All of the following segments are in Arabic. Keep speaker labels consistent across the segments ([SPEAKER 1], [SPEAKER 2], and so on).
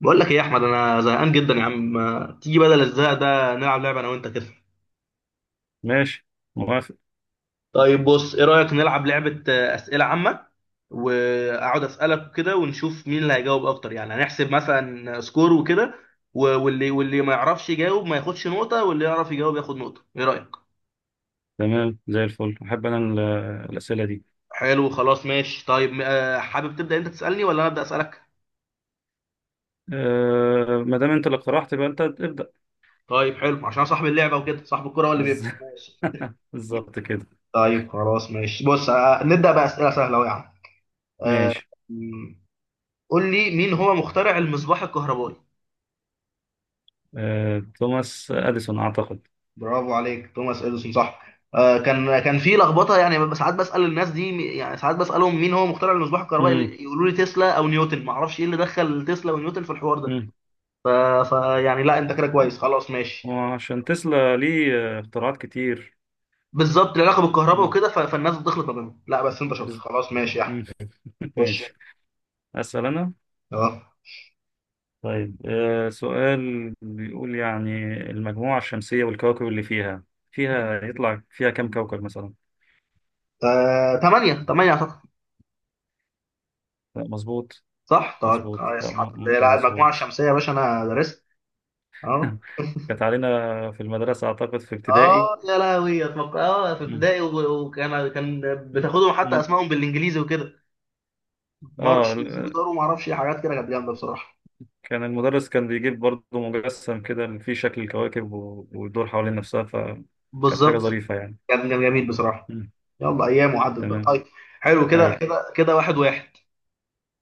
[SPEAKER 1] بقول لك ايه يا احمد، انا زهقان جدا يا عم. ما تيجي بدل الزهق ده نلعب لعبه انا وانت كده؟
[SPEAKER 2] ماشي. موافق.
[SPEAKER 1] طيب بص، ايه رايك نلعب لعبه، اسئله عامه. واقعد اسالك كده ونشوف مين اللي هيجاوب اكتر، يعني هنحسب مثلا سكور وكده. واللي ما يعرفش يجاوب ما ياخدش نقطه، واللي يعرف يجاوب ياخد نقطه. ايه رايك؟
[SPEAKER 2] تمام، زي الفل. احب انا الاسئله دي.
[SPEAKER 1] حلو خلاص ماشي. طيب حابب تبدا انت تسالني ولا انا ابدا اسالك؟
[SPEAKER 2] أه، ما دام انت اللي اقترحت يبقى انت ابدا.
[SPEAKER 1] طيب حلو، عشان صاحب اللعبه وكده، صاحب الكره هو اللي بيبدا.
[SPEAKER 2] بز-
[SPEAKER 1] ماشي.
[SPEAKER 2] بالظبط كده.
[SPEAKER 1] طيب خلاص ماشي، بص، نبدا بقى اسئله سهله أهو يا عم. آه،
[SPEAKER 2] ماشي.
[SPEAKER 1] قول لي مين هو مخترع المصباح الكهربائي؟
[SPEAKER 2] أه، توماس اديسون اعتقد.
[SPEAKER 1] برافو عليك، توماس اديسون صح. كان في لخبطه يعني، ببقى ساعات بسال الناس دي، يعني ساعات بسالهم مين هو مخترع المصباح
[SPEAKER 2] امم
[SPEAKER 1] الكهربائي يقولوا لي تسلا او نيوتن. ما اعرفش ايه اللي دخل تسلا ونيوتن في الحوار ده.
[SPEAKER 2] امم
[SPEAKER 1] فيعني لا، انت كده كويس، خلاص ماشي.
[SPEAKER 2] وعشان تسلا ليه اختراعات كتير.
[SPEAKER 1] بالظبط، العلاقه بالكهرباء
[SPEAKER 2] مم.
[SPEAKER 1] وكده، فالناس بتخلط ما بينهم. لا بس انت شاطر،
[SPEAKER 2] بز-
[SPEAKER 1] خلاص
[SPEAKER 2] مم.
[SPEAKER 1] ماشي يا احمد.
[SPEAKER 2] مم.
[SPEAKER 1] خش.
[SPEAKER 2] ماشي. اسال انا.
[SPEAKER 1] اه
[SPEAKER 2] طيب، سؤال بيقول يعني، المجموعه الشمسيه والكواكب اللي فيها، يطلع فيها كم كوكب مثلا.
[SPEAKER 1] 8 8 اعتقد.
[SPEAKER 2] لا، مظبوط.
[SPEAKER 1] صح طيب
[SPEAKER 2] مظبوط،
[SPEAKER 1] كويس،
[SPEAKER 2] لا
[SPEAKER 1] الحمد لله. لا المجموعه
[SPEAKER 2] مظبوط.
[SPEAKER 1] الشمسيه يا باشا انا درست. اه
[SPEAKER 2] كانت علينا في المدرسة أعتقد في ابتدائي.
[SPEAKER 1] اه يا لهوي، اتوقع في
[SPEAKER 2] مم.
[SPEAKER 1] ابتدائي، وكان بتاخدهم حتى
[SPEAKER 2] مد...
[SPEAKER 1] اسمائهم بالانجليزي وكده.
[SPEAKER 2] آه
[SPEAKER 1] مارش
[SPEAKER 2] ال-
[SPEAKER 1] زوبيتار وما اعرفش إيه، حاجات كده كانت جامده بصراحه.
[SPEAKER 2] المدرس كان بيجيب برضه مجسم كده اللي فيه شكل الكواكب ويدور حوالين نفسها، فكانت حاجة
[SPEAKER 1] بالظبط.
[SPEAKER 2] ظريفة يعني.
[SPEAKER 1] كان جميل بصراحه.
[SPEAKER 2] مم.
[SPEAKER 1] يلا، ايام وعدت بقى.
[SPEAKER 2] تمام.
[SPEAKER 1] طيب حلو كده
[SPEAKER 2] أي.
[SPEAKER 1] كده كده، واحد واحد.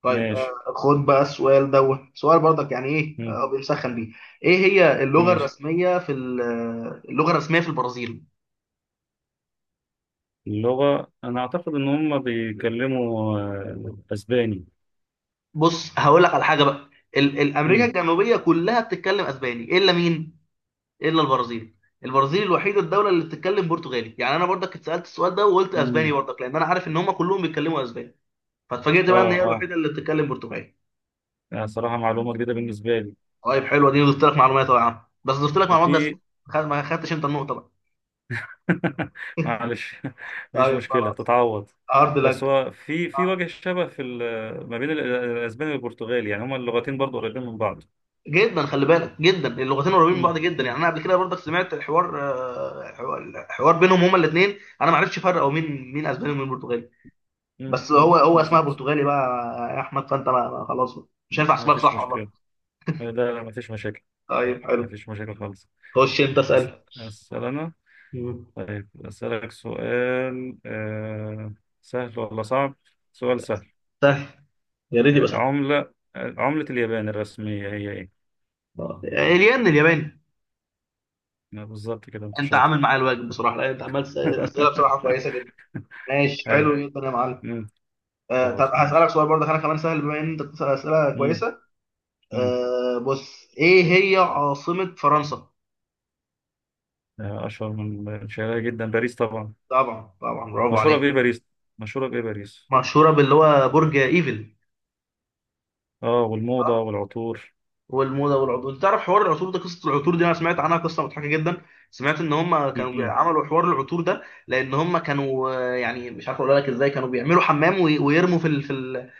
[SPEAKER 1] طيب،
[SPEAKER 2] ماشي.
[SPEAKER 1] خد بقى السؤال دوت، سؤال برضك يعني ايه،
[SPEAKER 2] مم.
[SPEAKER 1] بنسخن بيه. ايه هي
[SPEAKER 2] ماشي.
[SPEAKER 1] اللغه الرسميه في البرازيل؟
[SPEAKER 2] اللغة أنا أعتقد إن هم بيتكلموا أسباني.
[SPEAKER 1] بص هقول لك على حاجه بقى. الامريكا
[SPEAKER 2] مم.
[SPEAKER 1] الجنوبيه كلها بتتكلم اسباني، الا مين؟ الا البرازيل. البرازيل الوحيده الدوله اللي بتتكلم برتغالي. يعني انا برضك اتسالت السؤال ده وقلت اسباني
[SPEAKER 2] مم.
[SPEAKER 1] برضك، لان انا عارف ان هم كلهم بيتكلموا اسباني. فاتفاجئت بقى ان
[SPEAKER 2] آه،
[SPEAKER 1] هي
[SPEAKER 2] آه،
[SPEAKER 1] الوحيده اللي بتتكلم برتغالي.
[SPEAKER 2] يعني صراحة معلومة جديدة بالنسبة لي.
[SPEAKER 1] طيب حلوه دي، ضفت لك معلومات يا عم. بس ضفت لك معلومات بس،
[SPEAKER 2] وفي،
[SPEAKER 1] ما خدتش انت النقطه بقى.
[SPEAKER 2] معلش، مفيش
[SPEAKER 1] طيب
[SPEAKER 2] مشكلة،
[SPEAKER 1] خلاص.
[SPEAKER 2] تتعوض.
[SPEAKER 1] هارد
[SPEAKER 2] بس
[SPEAKER 1] لك.
[SPEAKER 2] هو في
[SPEAKER 1] آه.
[SPEAKER 2] وجه شبه في ما بين الاسباني والبرتغالي، يعني هما اللغتين برضو قريبين من بعض.
[SPEAKER 1] جدا خلي بالك، جدا اللغتين قريبين من
[SPEAKER 2] مم،
[SPEAKER 1] بعض جدا. يعني
[SPEAKER 2] مم،
[SPEAKER 1] انا قبل كده برضك سمعت حوار آه، حوار حوار بينهم هما الاثنين، انا ما عرفتش افرق هو مين مين اسباني ومين برتغالي.
[SPEAKER 2] مم،
[SPEAKER 1] بس
[SPEAKER 2] مم،
[SPEAKER 1] هو اسمها
[SPEAKER 2] بالظبط.
[SPEAKER 1] برتغالي بقى يا احمد، فانت خلاص، مش هينفع
[SPEAKER 2] ما
[SPEAKER 1] اسمها
[SPEAKER 2] فيش
[SPEAKER 1] صح
[SPEAKER 2] مشكلة.
[SPEAKER 1] والله.
[SPEAKER 2] لا لا، ما فيش مشاكل.
[SPEAKER 1] طيب
[SPEAKER 2] ما
[SPEAKER 1] حلو.
[SPEAKER 2] فيش مشاكل خالص.
[SPEAKER 1] خش انت اسال.
[SPEAKER 2] أس- أسأل أنا.
[SPEAKER 1] مم.
[SPEAKER 2] طيب أسألك سؤال سهل ولا صعب؟ سؤال سهل.
[SPEAKER 1] سهل. يا ريت يبقى سهل.
[SPEAKER 2] عملة، عملة اليابان الرسمية هي إيه؟
[SPEAKER 1] الين الياباني.
[SPEAKER 2] بالظبط كده، أنت
[SPEAKER 1] انت
[SPEAKER 2] شاطر.
[SPEAKER 1] عامل معايا الواجب بصراحه، لان انت عمال تسال اسئله بصراحه كويسه جدا. ماشي
[SPEAKER 2] أي.
[SPEAKER 1] حلو جدا يا معلم. طب
[SPEAKER 2] خلاص
[SPEAKER 1] هسالك
[SPEAKER 2] ماشي.
[SPEAKER 1] سؤال برضه انا كمان سهل، بما ان انت بتسال اسئله
[SPEAKER 2] مم.
[SPEAKER 1] كويسه.
[SPEAKER 2] مم.
[SPEAKER 1] بص، ايه هي عاصمه فرنسا؟
[SPEAKER 2] اشهر من شهرها جدا، باريس طبعا.
[SPEAKER 1] طبعا طبعا، برافو
[SPEAKER 2] مشهوره
[SPEAKER 1] عليك.
[SPEAKER 2] بايه باريس؟ مشهوره بايه باريس؟
[SPEAKER 1] مشهوره باللي هو برج ايفل.
[SPEAKER 2] اه، والموضه والعطور.
[SPEAKER 1] والموزه والعطور. انت تعرف حوار العطور ده، قصه العطور دي انا سمعت عنها قصه مضحكه جدا. سمعت ان هم كانوا
[SPEAKER 2] مم.
[SPEAKER 1] عملوا حوار العطور ده، لان هم كانوا يعني مش عارف اقول لك ازاي، كانوا بيعملوا حمام ويرموا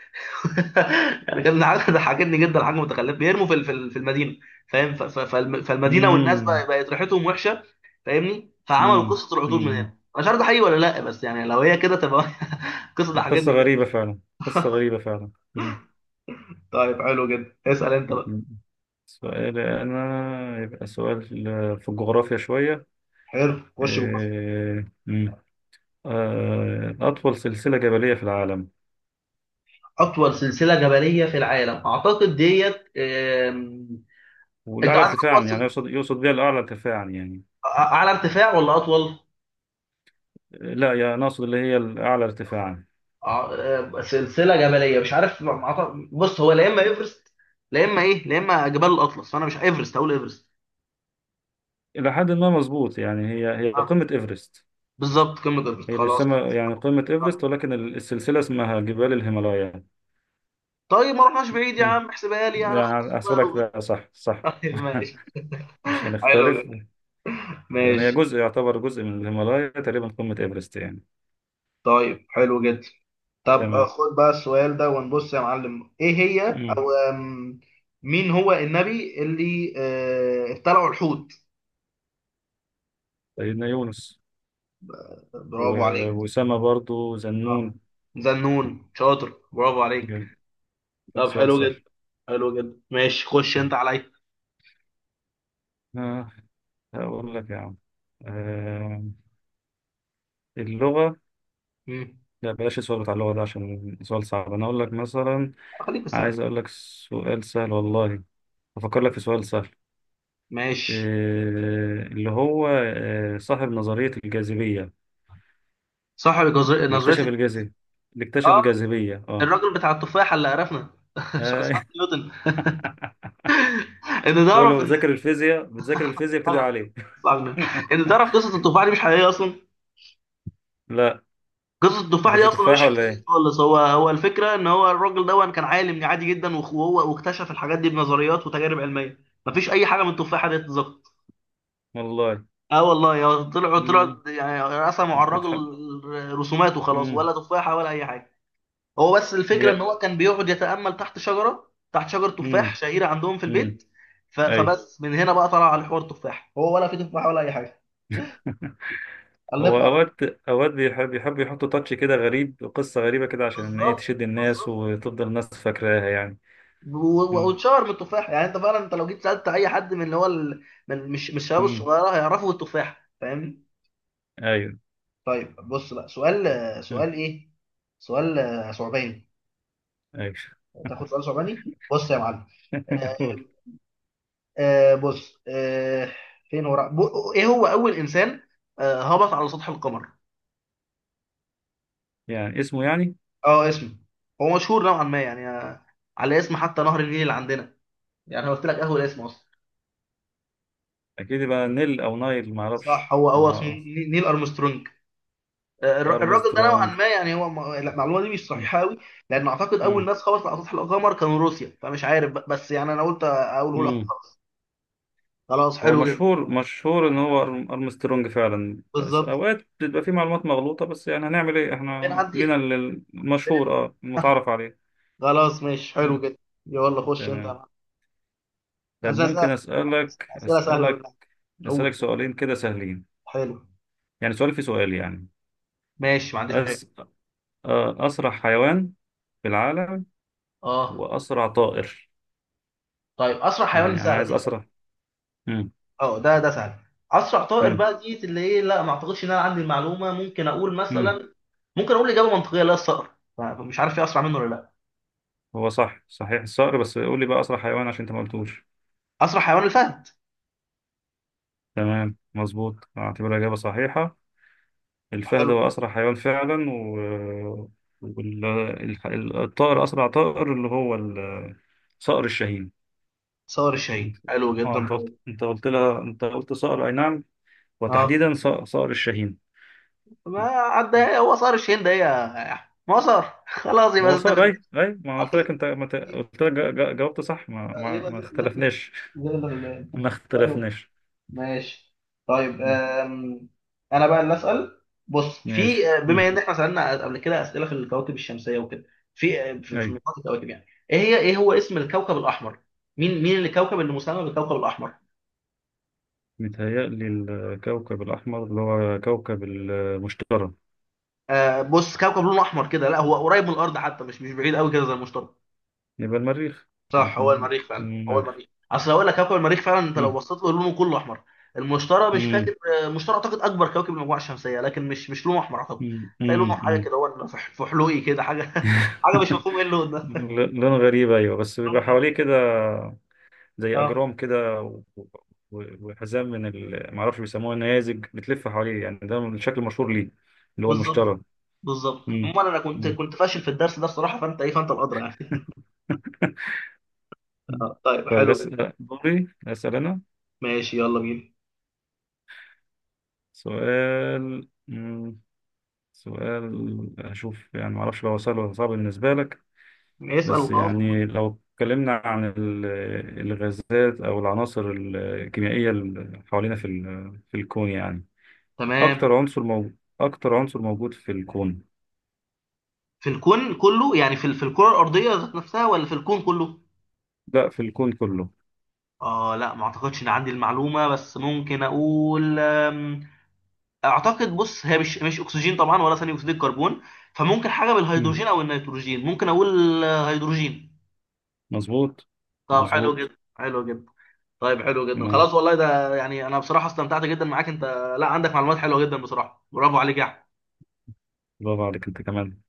[SPEAKER 1] يعني كان حاجه ضحكتني جدا، حاجه متخلفه، بيرموا في المدينه. فاهم، فالمدينه، والناس بقى
[SPEAKER 2] مم.
[SPEAKER 1] بقت ريحتهم وحشه، فاهمني، فعملوا
[SPEAKER 2] مم.
[SPEAKER 1] قصه العطور من هنا.
[SPEAKER 2] مم.
[SPEAKER 1] أنا مش عارف ده حقيقي ولا لا، بس يعني لو هي كده تبقى. قصه
[SPEAKER 2] قصه
[SPEAKER 1] ضحكتني جدا.
[SPEAKER 2] غريبه فعلا، قصه غريبه فعلا. مم.
[SPEAKER 1] طيب حلو جدا. اسال انت بقى.
[SPEAKER 2] مم. سؤال انا، يبقى سؤال في الجغرافيا شويه.
[SPEAKER 1] حلو، خش بقى.
[SPEAKER 2] مم. اطول سلسله جبليه في العالم
[SPEAKER 1] اطول سلسله جبليه في العالم، اعتقد ديت. انت
[SPEAKER 2] والاعلى
[SPEAKER 1] عايز
[SPEAKER 2] ارتفاعا، يعني يقصد بها الاعلى ارتفاعا يعني.
[SPEAKER 1] اعلى ارتفاع ولا اطول؟
[SPEAKER 2] لا يا ناقصد اللي هي الاعلى ارتفاعا.
[SPEAKER 1] سلسله جبليه مش عارف، ما- ما أعتقد- بص، هو لا اما ايفرست، لا اما جبال الاطلس. فانا مش ايفرست اقول ايفرست.
[SPEAKER 2] إلى حد ما مظبوط، يعني هي
[SPEAKER 1] آه،
[SPEAKER 2] قمة إيفرست.
[SPEAKER 1] بالظبط قمه ايفرست،
[SPEAKER 2] هي
[SPEAKER 1] خلاص.
[SPEAKER 2] بيسمى يعني قمة إيفرست،
[SPEAKER 1] آه،
[SPEAKER 2] ولكن السلسلة اسمها جبال الهيمالايا.
[SPEAKER 1] طيب ما رحناش بعيد يا
[SPEAKER 2] مم.
[SPEAKER 1] عم، احسبها لي انا، اخد
[SPEAKER 2] لا،
[SPEAKER 1] الصغير
[SPEAKER 2] أحسبلك، ده صح صح.
[SPEAKER 1] طيب ماشي
[SPEAKER 2] مش
[SPEAKER 1] حلو
[SPEAKER 2] هنختلف.
[SPEAKER 1] جدا
[SPEAKER 2] لأن هي
[SPEAKER 1] ماشي.
[SPEAKER 2] جزء، يعتبر جزء من الهيمالايا تقريبا قمة إيفرست يعني.
[SPEAKER 1] طيب حلو جدا. طب
[SPEAKER 2] تمام.
[SPEAKER 1] خد بقى السؤال ده ونبص يا معلم، ايه هي
[SPEAKER 2] مم.
[SPEAKER 1] او آم، مين هو النبي اللي ابتلعه الحوت؟
[SPEAKER 2] سيدنا يونس.
[SPEAKER 1] برافو عليك.
[SPEAKER 2] وأسامة برضو،
[SPEAKER 1] اه،
[SPEAKER 2] ذنون.
[SPEAKER 1] ذنون، شاطر، برافو عليك.
[SPEAKER 2] جميل.
[SPEAKER 1] طب
[SPEAKER 2] سؤال
[SPEAKER 1] حلو
[SPEAKER 2] سهل.
[SPEAKER 1] جدا. حلو جدا ماشي، خش انت
[SPEAKER 2] تمام.
[SPEAKER 1] عليا.
[SPEAKER 2] آه، هقول لك يا عم، آه، اللغة.
[SPEAKER 1] مم.
[SPEAKER 2] لا، بلاش السؤال بتاع اللغة ده، عشان سؤال صعب، أنا أقول لك مثلا.
[SPEAKER 1] خليك في السؤال.
[SPEAKER 2] عايز اقول لك سؤال سهل والله، افكر لك في سؤال سهل.
[SPEAKER 1] ماشي.
[SPEAKER 2] إيه اللي هو، إيه صاحب نظرية الجاذبية؟
[SPEAKER 1] صاحب
[SPEAKER 2] اللي اكتشف
[SPEAKER 1] نظرية
[SPEAKER 2] الجاذبية، اللي اكتشف
[SPEAKER 1] اه
[SPEAKER 2] الجاذبية. اه.
[SPEAKER 1] الراجل بتاع التفاحة اللي عرفنا،
[SPEAKER 2] آه،
[SPEAKER 1] اسحاق نيوتن. ان
[SPEAKER 2] هو اللي
[SPEAKER 1] تعرف ان،
[SPEAKER 2] بتذاكر الفيزياء، بتدعي
[SPEAKER 1] آه،
[SPEAKER 2] عليه.
[SPEAKER 1] إسحاق نيوتن. ان تعرف قصة التفاحة دي مش حقيقية اصلا.
[SPEAKER 2] لا،
[SPEAKER 1] قصة
[SPEAKER 2] ما
[SPEAKER 1] التفاح دي
[SPEAKER 2] كانش
[SPEAKER 1] أصلا مش
[SPEAKER 2] تفاحة ولا
[SPEAKER 1] حقيقية
[SPEAKER 2] ايه؟
[SPEAKER 1] خالص. هو الفكرة، إن هو الراجل ده كان عالم عادي جدا، وهو واكتشف الحاجات دي بنظريات وتجارب علمية. مفيش أي حاجة من التفاحة دي اتظبطت.
[SPEAKER 2] والله.
[SPEAKER 1] اه والله، يا طلعوا
[SPEAKER 2] امم.
[SPEAKER 1] طلعوا يعني رسموا على
[SPEAKER 2] بتحب.
[SPEAKER 1] الراجل رسومات وخلاص،
[SPEAKER 2] امم.
[SPEAKER 1] ولا تفاحة ولا أي حاجة. هو بس الفكرة
[SPEAKER 2] هي.
[SPEAKER 1] إن هو كان بيقعد يتأمل تحت شجرة تفاح
[SPEAKER 2] امم.
[SPEAKER 1] شهيرة عندهم في
[SPEAKER 2] امم.
[SPEAKER 1] البيت.
[SPEAKER 2] ايوه.
[SPEAKER 1] فبس من هنا بقى طلع على حوار التفاح، هو ولا في تفاحة ولا أي حاجة.
[SPEAKER 2] هو
[SPEAKER 1] ألفوا على.
[SPEAKER 2] اوقات، بيحب، يحطوا تاتش كده غريب، قصة غريبة كده عشان ايه
[SPEAKER 1] بالظبط
[SPEAKER 2] تشد الناس
[SPEAKER 1] بالظبط.
[SPEAKER 2] وتفضل الناس فاكراها يعني.
[SPEAKER 1] واتشهر بالتفاح. يعني انت فعلا، انت لو جيت سالت اي حد من اللي هو من مش الشباب
[SPEAKER 2] مم.
[SPEAKER 1] الصغيره هيعرفوا التفاح، فاهمني.
[SPEAKER 2] ايوه.
[SPEAKER 1] طيب بص بقى، سؤال
[SPEAKER 2] مم.
[SPEAKER 1] سؤال ايه، سؤال ثعباني.
[SPEAKER 2] ايوه.
[SPEAKER 1] تاخد سؤال ثعباني، بص يا معلم. آه
[SPEAKER 2] قول.
[SPEAKER 1] بص، فين هو رأ- بو- ايه هو اول انسان هبط على سطح القمر؟
[SPEAKER 2] يعني اسمه يعني؟
[SPEAKER 1] اه، اسمه، هو مشهور نوعا ما يعني. على اسم حتى نهر النيل اللي عندنا، يعني أنا قلت لك اول اسم اصلا.
[SPEAKER 2] اكيد يبقى نيل او نايل، ما اعرفش.
[SPEAKER 1] صح، هو اسمه
[SPEAKER 2] مع-
[SPEAKER 1] نيل ارمسترونج. الراجل ده نوعا
[SPEAKER 2] ارمسترونج.
[SPEAKER 1] ما يعني، هو لا، المعلومه دي مش
[SPEAKER 2] مم.
[SPEAKER 1] صحيحه قوي، لان اعتقد اول
[SPEAKER 2] مم.
[SPEAKER 1] ناس خبطت على سطح القمر كانوا روسيا، فمش عارف بقى، بس يعني انا قلت اقوله لك
[SPEAKER 2] مم.
[SPEAKER 1] خلاص. خلاص،
[SPEAKER 2] هو
[SPEAKER 1] حلو جدا.
[SPEAKER 2] مشهور مشهور ان هو ارمسترونج فعلا، بس
[SPEAKER 1] بالظبط.
[SPEAKER 2] اوقات بتبقى في معلومات مغلوطة، بس يعني هنعمل ايه، احنا
[SPEAKER 1] بنعديها.
[SPEAKER 2] لينا
[SPEAKER 1] بن-
[SPEAKER 2] المشهور، المتعارف عليه.
[SPEAKER 1] خلاص ماشي حلو
[SPEAKER 2] مم.
[SPEAKER 1] جدا. يلا خش انت يا
[SPEAKER 2] تمام.
[SPEAKER 1] معلم.
[SPEAKER 2] طب
[SPEAKER 1] اسئله
[SPEAKER 2] ممكن اسالك
[SPEAKER 1] اسئله سهله
[SPEAKER 2] اسالك
[SPEAKER 1] بالله. قول.
[SPEAKER 2] اسالك سؤالين كده سهلين؟
[SPEAKER 1] حلو.
[SPEAKER 2] يعني سؤال في سؤال يعني.
[SPEAKER 1] ماشي ما عنديش مشاكل.
[SPEAKER 2] أس... اسرع حيوان في العالم،
[SPEAKER 1] اه
[SPEAKER 2] واسرع طائر.
[SPEAKER 1] طيب، اسرع حيوان دي
[SPEAKER 2] يعني انا
[SPEAKER 1] سهله،
[SPEAKER 2] عايز
[SPEAKER 1] دي سهله.
[SPEAKER 2] اسرع. امم.
[SPEAKER 1] اه، ده سهل. اسرع طائر
[SPEAKER 2] امم.
[SPEAKER 1] بقى دي اللي ايه، لا ما اعتقدش ان انا عندي المعلومه، ممكن اقول
[SPEAKER 2] امم.
[SPEAKER 1] مثلا، ممكن اقول اجابه منطقيه، لا الصقر، فمش عارف ايه اسرع منه ولا لا.
[SPEAKER 2] هو صح، صحيح الصقر، بس قول لي بقى اسرع حيوان عشان انت ما قلتوش.
[SPEAKER 1] اسرع حيوان الفهد.
[SPEAKER 2] تمام، مظبوط، اعتبرها اجابه صحيحه. الفهد
[SPEAKER 1] حلو.
[SPEAKER 2] هو اسرع حيوان فعلا. وال... الطائر، اسرع طائر، اللي هو صقر الشاهين.
[SPEAKER 1] صقر الشاهين
[SPEAKER 2] انت-
[SPEAKER 1] حلو
[SPEAKER 2] اه،
[SPEAKER 1] جدا.
[SPEAKER 2] انت قلت، انت قلت لها انت قلت صقر، اي نعم.
[SPEAKER 1] اه،
[SPEAKER 2] وتحديدا صقر الشاهين.
[SPEAKER 1] ما عدى هو صقر الشاهين ده يا، ما صار، خلاص يبقى
[SPEAKER 2] هو
[SPEAKER 1] ست
[SPEAKER 2] صقر،
[SPEAKER 1] بدقايق.
[SPEAKER 2] اي اي ما قلت لك، انت ما ت- قلت لك، جاوبت صح،
[SPEAKER 1] يبقى
[SPEAKER 2] ما
[SPEAKER 1] زي زي-
[SPEAKER 2] اختلفناش.
[SPEAKER 1] زي الغلاب.
[SPEAKER 2] ما
[SPEAKER 1] حلو
[SPEAKER 2] اختلفناش.
[SPEAKER 1] ماشي. طيب. انا بقى اللي اسال. بص، في
[SPEAKER 2] ماشي.
[SPEAKER 1] آه، بما ان
[SPEAKER 2] مم.
[SPEAKER 1] احنا سالنا قبل كده اسئله في الكواكب الشمسيه وكده، في آه، في في
[SPEAKER 2] أيوة.
[SPEAKER 1] مجموعة الكواكب، يعني ايه هو اسم الكوكب الاحمر، مين الكوكب اللي مسمى بالكوكب الاحمر؟
[SPEAKER 2] متهيألي الكوكب الأحمر اللي هو كوكب المشتري.
[SPEAKER 1] بص، كوكب لونه احمر كده، لا هو قريب من الارض حتى، مش بعيد قوي كده زي المشتري.
[SPEAKER 2] يبقى المريخ.
[SPEAKER 1] صح،
[SPEAKER 2] هيكون
[SPEAKER 1] هو
[SPEAKER 2] هنا.
[SPEAKER 1] المريخ فعلا،
[SPEAKER 2] مم،
[SPEAKER 1] هو
[SPEAKER 2] المريخ.
[SPEAKER 1] المريخ. اصل هقول لك كوكب المريخ فعلا، انت لو
[SPEAKER 2] مم.
[SPEAKER 1] بصيت له لونه كله احمر. المشتري مش
[SPEAKER 2] مم.
[SPEAKER 1] فاكر. المشتري اعتقد اكبر كوكب المجموعه الشمسيه، لكن مش لونه احمر اعتقد،
[SPEAKER 2] مم.
[SPEAKER 1] تلاقي لونه
[SPEAKER 2] مم.
[SPEAKER 1] حاجه
[SPEAKER 2] مم.
[SPEAKER 1] كده، هو في فحلوقي كده حاجه. حاجه مش مفهوم ايه اللون ده.
[SPEAKER 2] لون غريب، أيوة، بس بيبقى حواليه كده زي
[SPEAKER 1] اه،
[SPEAKER 2] أجرام كده، وحزام من معرفش بيسموها النيازج بتلف حواليه، يعني ده الشكل المشهور ليه، اللي هو
[SPEAKER 1] بالظبط
[SPEAKER 2] المشتري.
[SPEAKER 1] بالظبط.
[SPEAKER 2] مم.
[SPEAKER 1] عموما انا كنت
[SPEAKER 2] مم.
[SPEAKER 1] كنت فاشل في الدرس ده بصراحه، فانت الادرى يعني. طيب
[SPEAKER 2] طيب،
[SPEAKER 1] حلو.
[SPEAKER 2] بس دوري أسأل أنا.
[SPEAKER 1] ماشي يلا بينا.
[SPEAKER 2] سؤال. مم. سؤال، أشوف يعني، معرفش لو سهل ولا صعب بالنسبة لك.
[SPEAKER 1] اسال
[SPEAKER 2] بس
[SPEAKER 1] وخلاص.
[SPEAKER 2] يعني لو اتكلمنا عن الغازات أو العناصر الكيميائية اللي حوالينا في في الكون يعني،
[SPEAKER 1] تمام.
[SPEAKER 2] أكتر عنصر موجود، أكتر عنصر موجود في الكون.
[SPEAKER 1] في الكون كله يعني، في الكرة الأرضية ذات نفسها ولا في الكون كله؟
[SPEAKER 2] لا، في الكون كله.
[SPEAKER 1] اه لا، ما اعتقدش ان عندي المعلومة، بس ممكن اقول. اعتقد، بص، هي مش اكسجين طبعا ولا ثاني اكسيد الكربون، فممكن حاجة
[SPEAKER 2] مم.
[SPEAKER 1] بالهيدروجين او النيتروجين، ممكن اقول هيدروجين.
[SPEAKER 2] مظبوط.
[SPEAKER 1] طب حلو
[SPEAKER 2] مظبوط.
[SPEAKER 1] جدا حلو جدا. طيب حلو جدا،
[SPEAKER 2] تمام.
[SPEAKER 1] خلاص والله. ده يعني انا بصراحة استمتعت جدا معاك انت. لا عندك معلومات حلوة جدا بصراحة، برافو عليك يا
[SPEAKER 2] برافو عليك أنت كمان.